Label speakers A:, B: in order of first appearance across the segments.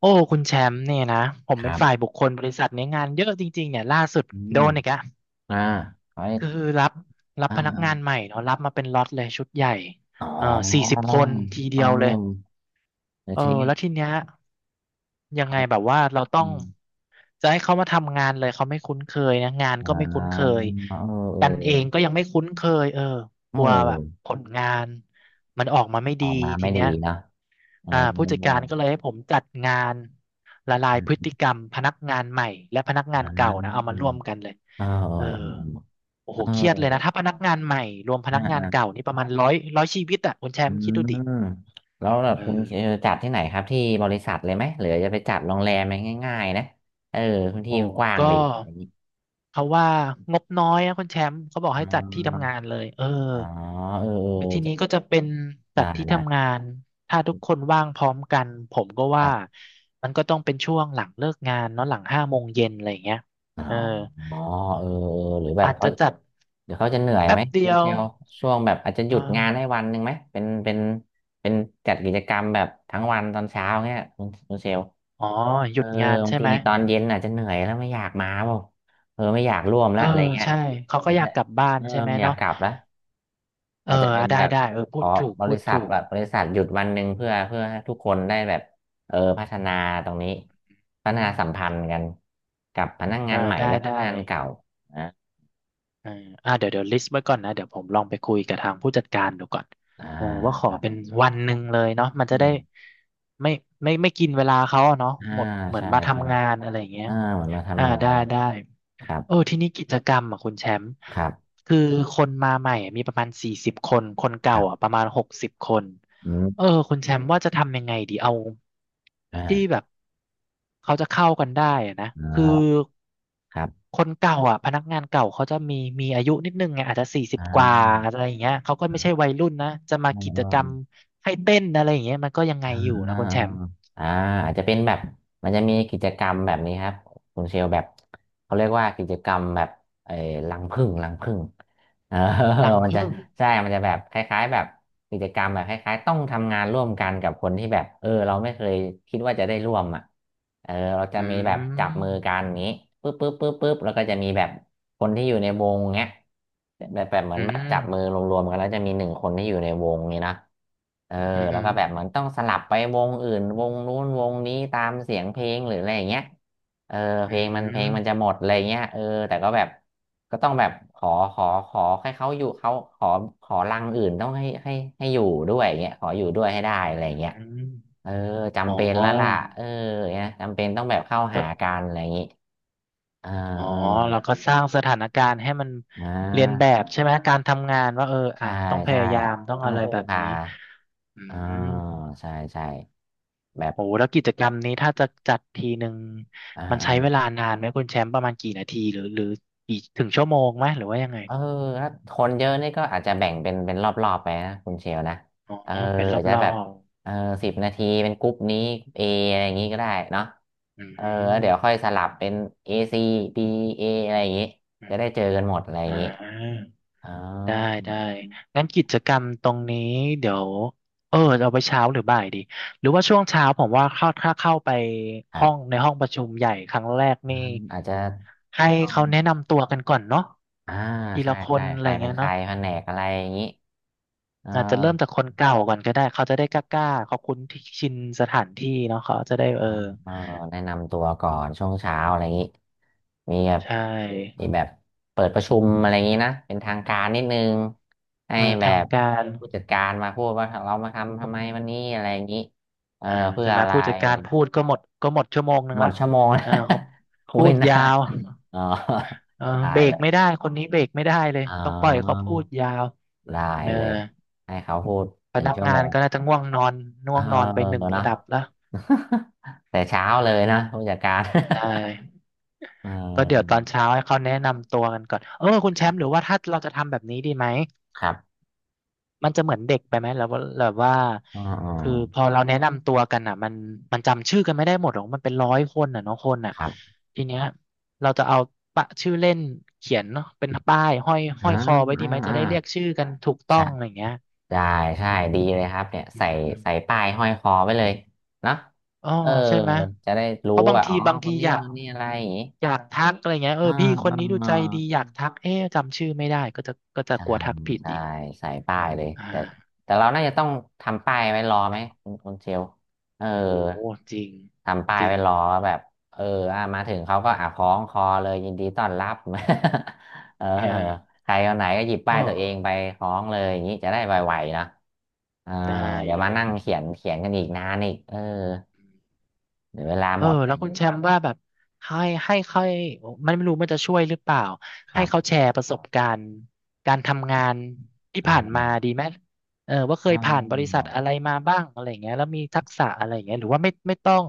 A: โอ้คุณแชมป์เนี่ยนะผม
B: ค
A: เป็
B: รั
A: น
B: บ
A: ฝ่ายบุคคลบริษัทเนี่ยงานเยอะจริงๆเนี่ยล่าสุด
B: อื
A: โด
B: ม
A: นอีกอะ
B: อ่าออาใ้
A: คือรับรั
B: อ
A: บพนักงาน
B: ่า
A: ใหม่เนาะรับมาเป็นล็อตเลยชุดใหญ่
B: อ๋อ
A: เอ่อสี่สิบคนที
B: เอ
A: เดียวเลย
B: อแล้ว
A: เออ
B: ทีนี้
A: แล้วทีเนี้ยยัง
B: เขา
A: ไงแบบว่าเราต้
B: อื
A: อง
B: ม
A: จะให้เขามาทำงานเลยเขาไม่คุ้นเคยนะงาน
B: อ่
A: ก็ไม่คุ้น
B: า
A: เคย
B: เออเอ
A: กันเองก็
B: อ
A: ยังไม่คุ้นเคยเออ
B: โอ
A: กลัวแบบผ
B: ้
A: ลงานมันออกมาไม่
B: อ
A: ดี
B: อกมา
A: ที
B: ไม่ดี
A: เนี้ย
B: นะเอ
A: อ่าผู้จัดการ
B: อ
A: ก็เลยให้ผมจัดงานละลาย
B: อื
A: พฤ
B: ม
A: ติกรรมพนักงานใหม่และพนักงา
B: อ่
A: นเก่านะเอา
B: า
A: มาร่วมกันเลย
B: เอ
A: เออ
B: อ
A: โอ้
B: เ
A: โหเครียดเลยนะ
B: ออ
A: ถ้าพนักงานใหม่รวมพ
B: อ่า
A: นักงาน
B: อ่า
A: เก่านี่ประมาณร้อยชีวิตอ่ะคุณแช
B: อื
A: มป์คิดดูดิ
B: มแล้วแบบ
A: เออ
B: คุณเออจัดที่ไหนครับที่บริษัทเลยไหมหรือจะไปจัดโรงแรมไหมง่ายๆนะเออพื้นที่
A: โอ้
B: มันกว้าง
A: ก็
B: ดีอะไรอย่างงี้
A: เขาว่างบน้อยนะคุณแชมป์เขาบอก
B: อ๋
A: ให้จัดที่
B: อ
A: ทำงานเลยเออ
B: อ๋อเออ
A: ที
B: เอ
A: นี้
B: อ
A: ก็จะเป็นจั
B: ได้
A: ดที่
B: ได้
A: ทำงานถ้าทุกคนว่างพร้อมกันผมก็
B: ครั
A: ว่า
B: บ
A: มันก็ต้องเป็นช่วงหลังเลิกงานเนาะหลัง5 โมงเย็นอะไรอย่างเงี้ย
B: อ๋อ
A: เออ
B: อ๋อเออเออหรือแบบ
A: อาจ
B: เขา
A: จะจัด
B: เดี๋ยวเขาจะเหนื่อย
A: แป๊
B: ไหม
A: บเดี
B: คุณ
A: ย
B: เช
A: ว
B: ลล์ช่วงแบบอาจจะหยุดงาน
A: อา
B: ให้วันหนึ่งไหมเป็นเป็นเป็นจัดกิจกรรมแบบทั้งวันตอนเช้าเงี้ยคุณคุณเชลล์
A: อ๋อห
B: เอ
A: ยุ
B: อ
A: ดงาน
B: บา
A: ใช่
B: งที
A: ไหม
B: ตอนเย็นอาจจะเหนื่อยแล้วไม่อยากมาเปล่าเออไม่อยากร่วมแล้
A: เอ
B: ว
A: อ
B: อะไรเงี้ย
A: ใช่เขาก็
B: อาจ
A: อยา
B: จะ
A: กกลับบ้าน
B: เออ
A: ใช่ไหม
B: ไม่อยาก
A: เนาะ
B: กลับแล้ว
A: เอ
B: อา
A: อ
B: จจะเป็
A: อ่ะ
B: น
A: ได้
B: แบบ
A: ได้เออ
B: ข
A: พู
B: อ
A: ดถูก
B: บ
A: พู
B: ริ
A: ด
B: ษัท
A: ถูก
B: แบบบริษัทหยุดวันหนึ่งเพื่อเพื่อให้ทุกคนได้แบบเออพัฒนาตรงนี้พั
A: อื
B: ฒนาสัมพัน
A: ม
B: ธ์กันกับพนักงา
A: อ่า
B: นใหม่
A: ได้
B: และพ
A: ได้
B: นักงานเก่า
A: เอออ่าเดี๋ยวเดี๋ยวลิสต์ไว้ก่อนนะเดี๋ยวผมลองไปคุยกับทางผู้จัดการดูก่อน
B: อ่า
A: เออว่าข
B: ค
A: อ
B: รับ
A: เป็นวันหนึ่งเลยเนาะมัน
B: อื
A: จะได้
B: ม
A: ไม่ไม่กินเวลาเขาอะเนาะ
B: อ่า
A: หมดเหมือน
B: ใช่
A: มา
B: ใช่
A: ทำงานอะไรอย่างเงี้ย
B: อ่าเหมือนมา
A: อ่า
B: ทำงา
A: ได้ได้
B: นครั
A: เออ
B: บ
A: ทีนี้กิจกรรมอ่ะคุณแชมป์
B: ครับ
A: คือคนมาใหม่อะมีประมาณสี่สิบคนคน
B: ค
A: เก่า
B: รั
A: อ่ะ
B: บ
A: ประมาณ60 คน
B: อื
A: เออ
B: ม
A: คุณแชมป์ว่าจะทำยังไงดีเอาที่แบ
B: อ่า
A: บเขาจะเข้ากันได้อะนะ
B: อ่
A: คือ
B: าครับ
A: คนเก่าอ่ะพนักงานเก่าเขาจะมีมีอายุนิดนึงไงอาจจะสี่สิ
B: อ่
A: บกว่าอะ
B: า
A: ไรอย่างเงี้ยเขาก็ไม่ใช่วัยรุ่นนะจะมากิจกรรมให้เต้นอะไรอย่างเงี้ยมันก็ยังไงอยู่
B: อ่า
A: นะคุณแชมป์
B: อ่าอาจจะเป็นแบบมันจะมีกิจกรรมแบบนี้ครับคุณเชลแบบเขาเรียกว่ากิจกรรมแบบเออรังผึ้งรังผึ้ง เออ
A: รัง
B: มันจะ
A: ผึ้ง
B: ใช่มันจะแบบคล้ายๆแบบกิจกรรมแบบคล้ายๆต้องทำงานร่วมกันกับคนที่แบบเออเราไม่เคยคิดว่าจะได้ร่วมอ่ะเออเราจะ
A: อื
B: มีแบบจับมือกัน
A: ม
B: อย่างนี้ปึ๊บปึ๊บปึ๊บปึ๊บแล้วก็จะมีแบบคนที่อยู่ในวงเงี้ยแบบแบบเหมือ
A: อื
B: นแบบจับมือ
A: ม
B: รวมๆกันแล้วจะมี1 คนที่อยู่ในวงนี้นะ เออ
A: อืมอ
B: แล้วก็แบบเหมือนต้องสลับไปวงอื่นวงนู้นวงนี้ตามเสียงเพลงหรืออะไรอย่างเงี้ยเออเพ
A: อื
B: ลงมันเพลงมันจะ
A: ม
B: หมดอะไรเงี้ยเออแต่ก็แบบก็ต้องแบบขอขอขอให้เขาอยู่เขาขอขอรังอื่นต้องให้ให้ให้อยู่ด้วยอย่างเงี้ยขออยู่ด้วยให้ได้อะไรอย่างเงี้ย
A: อืม
B: เออ
A: อ๋อ
B: จำเป็นแล้วล่ะเออเนี่ยจำเป็นต้องแบบเข้า
A: ก็
B: หากันอะไรอย่างงี้เออ
A: อ๋อ
B: เออ
A: แล้วก็สร้างสถานการณ์ให้มัน
B: อ่
A: เรียนแบ
B: า
A: บใช่ไหม การทำงานว่าเอออ่ะ
B: ใช่
A: ต้องพ
B: ใช่
A: ยายามต้อง
B: ต้อ
A: อะ
B: ง
A: ไร
B: พึ่ง
A: แบบ
B: พา
A: นี้อื
B: อ่า
A: ม
B: ใช่ใช่แบบ
A: โอ้แล้วกิจกรรมนี้ถ้าจะจัดทีหนึ่ง
B: อ่
A: มันใช้เวลา
B: า
A: นานไหมคุณแชมป์ประมาณกี่นาทีหรือหรือกี่ถึงชั่วโมงไหมหรือว่ายังไง
B: เออถ้าคนเยอะนี่ก็อาจจะแบ่งเป็นเป็นรอบๆไปนะคุณเชลนะ
A: อ๋อ
B: เออ
A: เป็นรอ
B: อาจ
A: บ
B: จะแบบเออ10 นาทีเป็นกรุ๊ปนี้เออะไรอย่างงี้ก็ได้เนาะ
A: ๆอื
B: เออ
A: ม
B: แล้วเดี๋ยวค่อยสลับเป็น A C B A อะไรอย่างงี้
A: อ
B: จะได้
A: ม
B: เจอกันหมดอะไรอย่า
A: อ่า
B: งงี้อ๋อ
A: ได้ได้งั้นกิจกรรมตรงนี้เดี๋ยวเออเอาไปเช้าหรือบ่ายดีหรือว่าช่วงเช้าผมว่าเข้าถ้าเข้าไป
B: ครั
A: ห้อง
B: บ
A: ในห้องประชุมใหญ่ครั้งแรก
B: อ
A: นี่
B: มอาจจะ
A: ให้
B: ต้อง
A: เขาแนะนำตัวกันก่อนเนาะ
B: อ่า
A: ที
B: ใช่
A: ละค
B: ใช่
A: นอะ
B: ใค
A: ไร
B: รเป็น
A: เงี้ย
B: ใคร
A: เนาะ
B: แผนกอะไรอย่างงี้เอ
A: อาจจะเริ่ม
B: อ
A: จากคนเก่าก่อนก็ได้เขาจะได้กล้าๆเขาคุ้นที่ชินสถานที่เนาะเขาจะได้
B: เ
A: เออ
B: ออแนะนำตัวก่อนช่วงเช้าอะไรอย่างนี้มีแบบ
A: ใช่
B: มีแบบเปิดประชุมอะไรอย่างนี้นะเป็นทางการนิดนึงให้
A: เออ
B: แบ
A: ทาง
B: บ
A: การ
B: ผู้จัดการมาพูดว่าเรามาทำทำไมวันนี้อะไรอย่างนี้เออ
A: อ่า
B: เพื่อ
A: ใช่ไหม
B: อะไร
A: ผู้จัดการพูดก็หมดชั่วโมงหนึ่
B: ห
A: ง
B: มด
A: ละ
B: ชั่วโมงนะ
A: อ่าเขา
B: คุ
A: พู
B: ย
A: ด
B: นา
A: ยาว
B: นอ๋อ
A: เออ
B: ได้
A: เบร
B: เล
A: กไม่
B: ย
A: ได้คนนี้เบรกไม่ได้เลย
B: อ๋
A: ต้องปล่อยเขา
B: อ
A: พูดยาว
B: ได้
A: เออ
B: เลยให้เขาพูด
A: พ
B: หนึ่ง
A: นัก
B: ชั่ว
A: งา
B: โม
A: น
B: ง
A: ก็น่าจะง่วงนอนง่
B: เอ
A: ว
B: อ
A: งนอนไปหนึ่งระ
B: เนาะ
A: ดับแล้ว
B: แต่เช้าเลยนะผู้จัดการ
A: ใช่
B: เ
A: ก็เดี๋ยว
B: อ
A: ต
B: อ
A: อนเช้าให้เขาแนะนำตัวกันก่อนเออคุณ
B: ค
A: แช
B: รั
A: มป์หรือ
B: บ
A: ว่าถ้าเราจะทำแบบนี้ดีไหม
B: ครับ
A: มันจะเหมือนเด็กไปไหมแล้วแบบว่า
B: อ๋ออ๋อ
A: คือพอเราแนะนำตัวกันอ่ะมันมันจำชื่อกันไม่ได้หมดหรอกมันเป็น100 คนอ่ะเนาะคนอ่ะ
B: ครับ
A: ทีเนี้ยเราจะเอาปะชื่อเล่นเขียนเนาะเป็นป้ายห้อยห้
B: อ่า
A: อยคอไว้ดี
B: อ่า
A: ไหมจะ
B: อ่า
A: ได้เรียกชื่อกันถูกต้อ
B: ใช่
A: งอะไรอย่างเงี้ย
B: ได้ใช่ ดีเลยครับเนี่ย
A: อื
B: ใส่ ใส่
A: ม
B: ป้าย ห้อยคอไว้เลยเนาะ
A: อ๋อ
B: เออ
A: ใช่ไหม
B: จะได้
A: เพ
B: รู้
A: ราะบาง
B: ว่า
A: ที
B: อ๋อ
A: บาง
B: ค
A: ที
B: นนี้
A: อยาก
B: คนนี้อะไรอย่างงี้
A: อยากทักอะไรเงี้ยเออ
B: อ่า
A: พี่คน
B: อ่า
A: นี้ดูใจดีอยากทักเอ๊ะจำชื่อไม่ได้ก็จะ
B: ใช่
A: กลัวทักผิด
B: ใช่
A: อีก
B: ใส่ป้ายเลย
A: อ่
B: แต่
A: า
B: แต่เราน่าจะต้องทำป้ายไว้รอไหมคุณคุณเชลเออ
A: โอ้โหจริง
B: ทำป้า
A: จ
B: ย
A: ริ
B: ไว้
A: ง
B: รอว่าแบบเอออ่ะมาถึงเขาก็อ่ะคล้องคอเลยยินดีต้อนรับ เออ
A: อ่า
B: ใครคนไหนก็หยิบ
A: เอ
B: ป้ายตัวเองไป
A: อ
B: คล้องเลยอย่างนี้จะได้ไวๆนะเออ
A: ได้
B: เดี๋ยว
A: เล
B: มา
A: ย
B: นั่งเขียนเขียนกันอีกนานอีกเออเดี๋ยวเวลา
A: เอ
B: หม
A: อ
B: ดอะไร
A: แล้
B: อ
A: ว
B: ย่าง
A: คุณ
B: นี้
A: แชมป์ว่าแบบให้ค่อยมันไม่รู้มันจะช่วยหรือเปล่า
B: ค
A: ให้
B: รั
A: เขา
B: บ
A: แชร์ประสบการณ์การทำงานที่ผ่าน
B: อ่า
A: มาดีไหมเออว่าเค
B: อ๋อ
A: ยผ่านบริษัทอะไรมาบ้างอะไรอย่างเงี้ยแล้วมีทักษะอะไรอย่างเงี้ยหรือว่าไม่ต้อง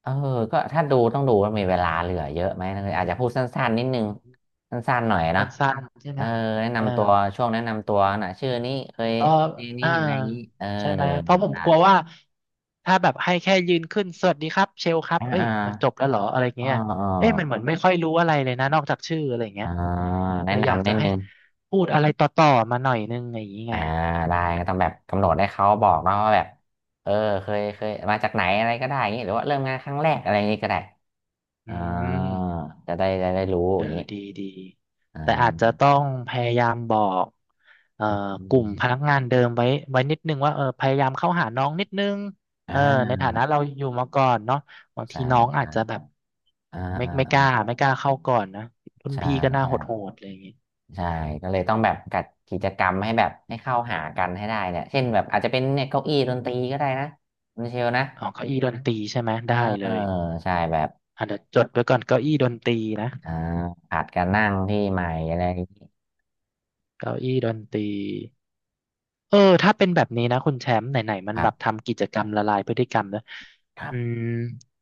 B: เออก็ถ้าดูต้องดูว่ามีเวลาเหลือเยอะไหมนะอาจจะพูดสั้นๆนิดนึงสั้นๆหน่อย
A: สั
B: นะ
A: ้นๆใช่
B: เอ
A: ไหม
B: อแนะ
A: เออ
B: นำตัวช่วงแนะนำตัวนะชื่อนี้เคย
A: ก็
B: เรียนนี่
A: อ่า
B: อะไรอย่างนี้เออ
A: ใช่ไหม เพราะผม
B: ได้
A: กลัวว่าถ้าแบบให้แค่ยืนขึ้นสวัสดีครับเชลครับ
B: อ่า
A: เอ้ย
B: อ่า
A: มันจบแล้วเหรออะไร
B: อ่า
A: เงี้ย
B: อ่า
A: เอ้ยมันเหมือนไม่ค่อยรู้อะไรเลยนะนอกจากชื่ออะไรเงี้
B: อ่า
A: ย
B: แนะ
A: เลยอยาก
B: นำ
A: จะ
B: นิด
A: ให้
B: นึง
A: พูดอะไรต่อๆ มาหน่อยนึงอย่างนี้ไง
B: อ่าได้ก็ต้องแบบกำหนดให้เขาบอกเนาะว่าแบบเออเคยเคยมาจากไหนอะไรก็ได้อย่างนี้หรือว่าเริ่มงานครั้งแรกอะไรอย่างนี้ก็ได้
A: อื
B: อ่า
A: ม
B: จะได้จะได้รู้
A: เอ
B: อ
A: อ
B: ย่างนี้
A: ดีดี
B: อ่
A: แต่อาจจะ
B: า
A: ต้องพยายามบอกเอ่อ
B: อื
A: กลุ่ม
B: ม
A: พนักงานเดิมไว้ไว้นิดนึงว่าเออพยายามเข้าหาน้องนิดนึงเออใน
B: อ่า
A: ฐานะเราอยู่มาก่อนเนาะบางที
B: ใช่
A: น้องอา
B: ใช่
A: จจะแบบ
B: อ่า
A: ไม่ไม่กล้า
B: อ่า
A: ไม่กล้าเข้าก่อนนะรุ่น
B: อ่า
A: พี่ก็
B: ใช่
A: น่า
B: ใช่
A: โหดๆอะไรอย่างงี้
B: ใช่ก็เลยต้องแบบจัดกิจกรรมให้แบบให้เข้าหากันให้ได้เนี่ยเช่นแบบอาจจะเป็นเนี่ยเก้าอี้ดนตรีก็ได้นะคุณเชลนะ
A: อ๋อเก้าอี้ดนตรีใช่ไหม
B: เออ
A: ได้เลย
B: ใช่แบบ
A: อ่ะเดี๋ยวจดไว้ก่อนเก้าอี้ดนตรีนะ
B: อ่าผัดกันนั่งที่ใหม่อะไรอย่างนี้
A: เก้าอี้ดนตรี เออถ้าเป็นแบบนี้นะคุณแชมป์ไหนๆมัน
B: ครั
A: แบบ
B: บ
A: ทำกิจกรรมละลายพฤติกรรมนะ
B: ครั
A: อืม
B: บ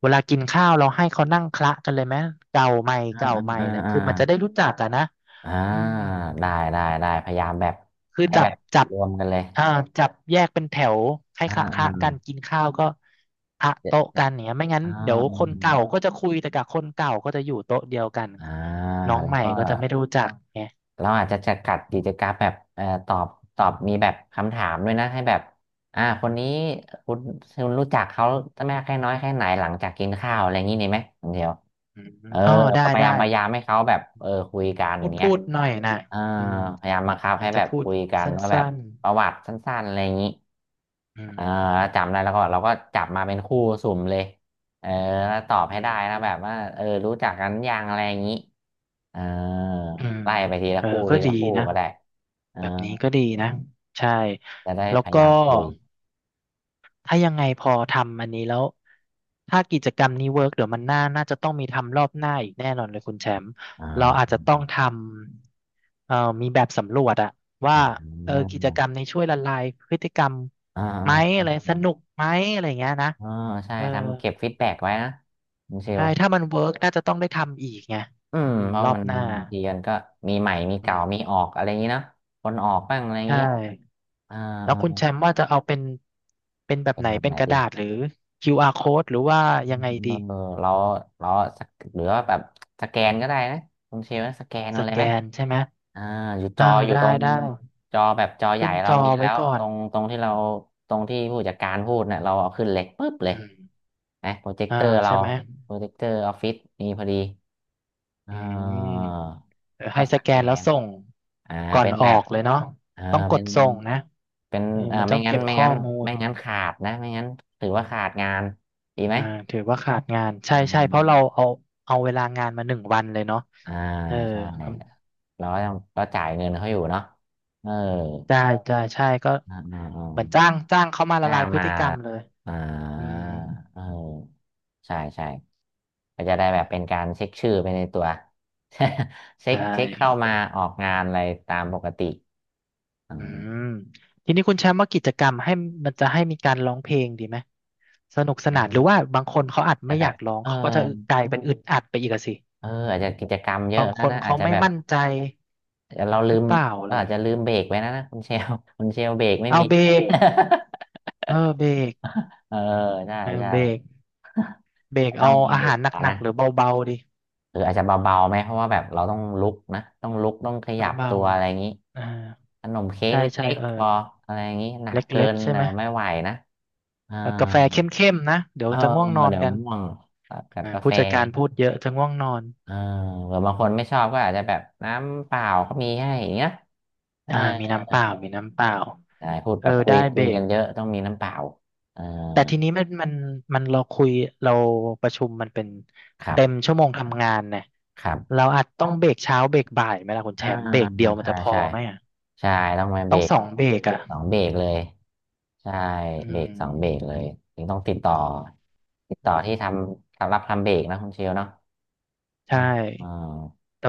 A: เวลากินข้าวเราให้เขานั่งคละกันเลยไหมเก่าใหม่
B: อ่า
A: เก่า
B: อ่า
A: ใหม่
B: อ่า
A: อะไร
B: อ่า
A: คือมันจะได้รู้จักอะนะ
B: อ่า
A: อืม
B: ได้ได้ได้พยายามแบบ
A: คือ
B: ให้
A: จั
B: แบ
A: บ
B: บ
A: จับ
B: รวมกันเลย
A: อ่าจับแยกเป็นแถวให้
B: อ่า
A: คละคละ
B: อ่า
A: กันกินข้าวก็ละ
B: เจ็ด
A: โต๊ะ
B: เจ็ด
A: กันเนี่ยไม่งั้น
B: อ่า
A: เดี๋ยว
B: อ
A: คน
B: ม
A: เก่าก็จะคุยแต่กับคนเก่าก็จะอยู่โต๊ะเดียวกัน
B: อ่า
A: น้อง
B: แล้
A: ให
B: ว
A: ม่
B: ก็
A: ก็จะไม่รู้จักไง
B: เราอาจจะจำกัดกิจกรรมแบบตอบตอบมีแบบคำถามด้วยนะให้แบบคนนี้คุณคุณรู้จักเขามากแค่น้อยแค่ไหนหลังจากกินข้าวอะไรอย่างนี้ดีไหมคุณเดียว
A: อืม
B: เออ
A: อ๋อได้ได้
B: พยายามให้เขาแบบ
A: อื
B: เออ
A: ม
B: คุยกัน
A: พูด
B: เนี้ย
A: พูดหน่อยนะ
B: เออ
A: อืม
B: พยายามบังคับ
A: อา
B: ให้
A: จ
B: แบ
A: จะ
B: บ
A: พูด
B: คุยกัน
A: สั
B: ว่าแบบ
A: ้น
B: ประวัติสั้นๆอะไรอย่างนี้
A: ๆอื
B: เอ
A: ม
B: อแล้วจำได้แล้วก็เราก็จับมาเป็นคู่สุ่มเลยเออแล้วตอบ
A: อื
B: ให้ได้นะแบบว่า
A: ม
B: เออรู้จักกันยังอะไรอย่างนี้ เออ
A: อืม
B: ไล่ไปทีละ
A: เออ
B: คู่
A: ก็
B: ที
A: ดี
B: ละคู่
A: นะ
B: ก็ได้เออ
A: แบบนี้ก็ดีนะ ใช่
B: จะได้
A: แล้ว
B: พยา
A: ก็
B: ยามคุย
A: ถ้ายังไงพอทำอันนี้แล้ว ถ้ากิจกรรมนี้เวิร์กเดี๋ยวมันน่า น่าจะต้องมีทำรอบหน้าอีกแน่นอนเลยคุณแชมป์
B: อ่
A: เราอาจจะต้อ
B: า
A: งทำมีแบบสำรวจอะว่า
B: อ่า
A: เออกิจกรรมนี้ช่วยละลายพฤติกรรม
B: อ่า
A: ไหม
B: อ่า
A: อะไรสนุกไหมอะไรเงี้ยนะ
B: อ่าใช่
A: เออ
B: ทำเก็บฟีดแบ็กไว้นะคุณเช
A: ใช่
B: ล
A: ถ้ามันเวิร์กน่าจะต้องได้ทำอีกไง
B: อื
A: อื
B: ม
A: ม
B: เพราะ
A: รอ
B: มั
A: บ
B: น
A: หน้า
B: บางทีมันก็มีใหม่มี
A: อื
B: เก่า
A: ม
B: มีออกอะไรอย่างนี้เนาะคนออกบ้างอะไรอย่าง
A: ใช่
B: นี้อ่า
A: แล้วคุณ
B: อ่า
A: แชมป์ว่าจะเอาเป็นเป็นแบบ
B: เป็น
A: ไหน
B: แบบ
A: เป็
B: ไหน
A: นกระ
B: ดี
A: ดาษหรือ QR code หรือว่ายังไง
B: เอ
A: ดี
B: อเราเราสักหรือว่าแบบสแกนก็ได้นะคุณเชลนะสแกน
A: ส
B: เอาเลย
A: แก
B: ไหม
A: นใช่ไหม
B: อ่าอยู่จ
A: อ่า
B: ออยู่
A: ได้
B: ตรง
A: ได้
B: จอแบบจอใหญ่
A: ขึ้น
B: เรา
A: จอ
B: มี
A: ไว้
B: แล้ว
A: ก่อน
B: ตรงที่เราตรงที่ผู้จัดการพูดเนี่ยเราเอาขึ้นเล็กปุ๊บเลย
A: อืม
B: นะโปรเจค
A: อ่า
B: เตอร์เรา
A: ใช่ไหม
B: โปรเจคเตอร์ออฟฟิศมีพอดีอ่
A: อืม
B: า
A: เดี๋ยว
B: ก็
A: ให้ส
B: ส
A: แก
B: แก
A: นแล้ว
B: น
A: ส่ง
B: อ่า
A: ก่อ
B: เป็
A: น
B: น
A: อ
B: แบ
A: อ
B: บ
A: กเลยเนาะ
B: อ่า
A: ต้องก
B: เป็
A: ด
B: น
A: ส่งนะ
B: เป็น
A: เออ
B: อ่า
A: มันต้องเก็บข้อมูล
B: ไม่งั้นขาดนะไม่งั้นถือว่าขาดงานดีไหม
A: อ่าถือว่าขาดงานใช่
B: อ่
A: ใช่เพราะเรา
B: า
A: เอาเอาเวลางานมาหนึ่งวันเลยเนาะ
B: อ่า
A: เออ
B: ใช่
A: ครับ
B: เราก็ต้องก็จ่ายเงินเขาอยู่เนาะเออ
A: ได้ได้ใช่ก็
B: อ่าอ่าอ่า
A: เหมือนจ้างเขามาละ
B: จ้า
A: ลาย
B: ง
A: พฤ
B: มา
A: ติกรรมเลย
B: อ่า
A: อืม
B: เออใช่ใช่ก็จะได้แบบเป็นการเช็คชื่อไปในตัว
A: ใช
B: เช็คเข้า
A: ่
B: มาออกงานอะไรตามปกติอ่
A: อืม
B: า
A: ทีนี้คุณแชมป์ว่ากิจกรรมให้มันจะให้มีการร้องเพลงดีไหมสนุกสนานหรือว่าบางคนเขาอาจ
B: จะ
A: ไม่
B: แบ
A: อยา
B: บ
A: กร้อง
B: เออ
A: เขาก็จะกลายเป็นอึดอัดไปอีกอะสิ
B: เอออาจจะกิจกรรมเยอะ
A: บางค
B: นะ
A: น
B: นะอาจ
A: เขา
B: จะ
A: ไม่
B: แบบ
A: มั่นใจ
B: เราลื
A: หรือ
B: ม
A: เปล่าอะไร
B: เรา
A: อ
B: อา
A: ย่า
B: จ
A: ง
B: จะ
A: งี้
B: ลืมเบรกไว้นะนะคุณเชล คุณเชลเบรกไม่
A: เอา
B: มี
A: เบร
B: ให้
A: ก เออเบรก
B: เออใช่
A: เออ
B: ใช่
A: เบรกเบรก
B: ต้อ
A: เอา
B: งมี
A: อา
B: เบร
A: หา
B: ก
A: รห
B: อะ
A: นั
B: นะ
A: กๆหรือเบาๆดี
B: เอออาจจะเบาๆไหมเพราะว่าแบบเราต้องลุกนะต้องลุกต้องข
A: น้
B: ยั
A: อง
B: บ
A: เบา
B: ตัวอะไรอย่างนี้
A: อ่า
B: ขนมเค้ก
A: ใช่ใช่
B: เล็ก
A: เออ
B: ๆพออะไรอย่างนี้หนั
A: เ
B: กเกิ
A: ล็ก
B: น
A: ๆใช่
B: เดี๋
A: ไหม
B: ยวไม่ไหวนะเออ
A: แล้วกาแฟเข้มๆนะเดี๋ย
B: เอ
A: ว
B: อ
A: จะง่วงนอน
B: เดี๋ยว
A: กัน
B: ง่วงกัด
A: อ่า
B: กาแฟ
A: ผู้จัดการพูดเยอะจะง่วงนอน
B: เออหรือบางคนไม่ชอบก็อาจจะแบบน้ำเปล่าก็มีให้อย่างเงี้ยเออ
A: อ่ามีน้ำเปล่ามีน้ำเปล่า
B: ใช่พูด
A: เอ
B: แบ
A: อ
B: บ
A: ได้เบ
B: คุ
A: ร
B: ยกั
A: ก
B: นเยอะต้องมีน้ำเปล่าเออ
A: แต่ทีนี้มันเราคุยเราประชุมมันเป็น
B: ครั
A: เต็ม
B: บ
A: ชั่วโมงทำงานเนี่ย
B: ครั
A: เรา
B: บ
A: อาจต้องเบรกเช้าเบรกบ่ายไหมล่ะคุณแช
B: อ่า
A: มป์เบรกเดียวมัน
B: ใช่
A: จะพอ
B: ใช่
A: ไหมอ่ะ
B: ใช่ต้องมาเบ
A: ต้
B: ร
A: อง
B: ก
A: 2 เบรกอ่ะ
B: สองเบรกเลยใช่
A: อื
B: เบรกสองเบรก
A: ม
B: เลยถึงต้องติดต่อที่ทำสำหรับทำเบรกนะคุณเชลเนาะอ่า
A: ใช่
B: อ่า
A: แต่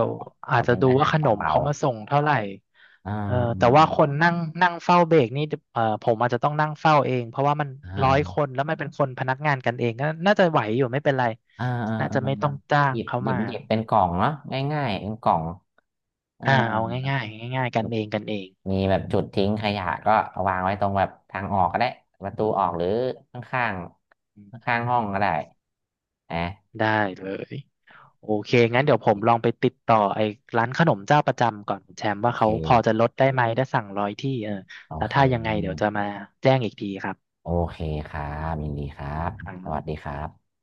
B: ข
A: อาจ
B: อ
A: จะ
B: เป็น
A: ดู
B: อา
A: ว่า
B: หาร
A: ขนม
B: เบา
A: เขามาส่งเท่าไหร่
B: ๆอ่า
A: เออแต่ว่าคนนั่งนั่งเฝ้าเบรกนี่เออผมอาจจะต้องนั่งเฝ้าเองเพราะว่ามัน
B: อ
A: ร้อยค
B: ่า
A: นแล้วมันเป็นคนพนักงานกันเองก็น่าจะไหวอยู่ไม่เป็นไร
B: อ่าอ่า
A: น่า
B: อ่า
A: จะ
B: อ่า
A: ไม่ต้องจ้างเขามา
B: หยิบเป็นกล่องเนาะง่ายๆเป็นกล่องอ่า
A: อ่าเอาง่ายๆง่ายๆกันเองกันเอง
B: มีแบบจุดทิ้งขยะก็เอาวางไว้ตรงแบบทางออกก็ได้ประตูออกหรือข้าง
A: อื
B: ๆ
A: ม
B: ข้างๆห้องก็ได้นะ
A: ได้เลยโอเคงั้นเดี๋ยวผมลองไปติดต่อไอ้ร้านขนมเจ้าประจำก่อนคุณแชมป์
B: โอ
A: ว่า
B: เค
A: เขาพอจะลดได้ไหมถ้าสั่ง100 ที่เออ
B: โอ
A: แล้ว
B: เค
A: ถ้ายังไงเดี๋ยวจะมาแจ้งอีกทีครับ
B: โอเคครับยินดีครับ
A: ครั
B: สวัสดี
A: บ
B: ครับ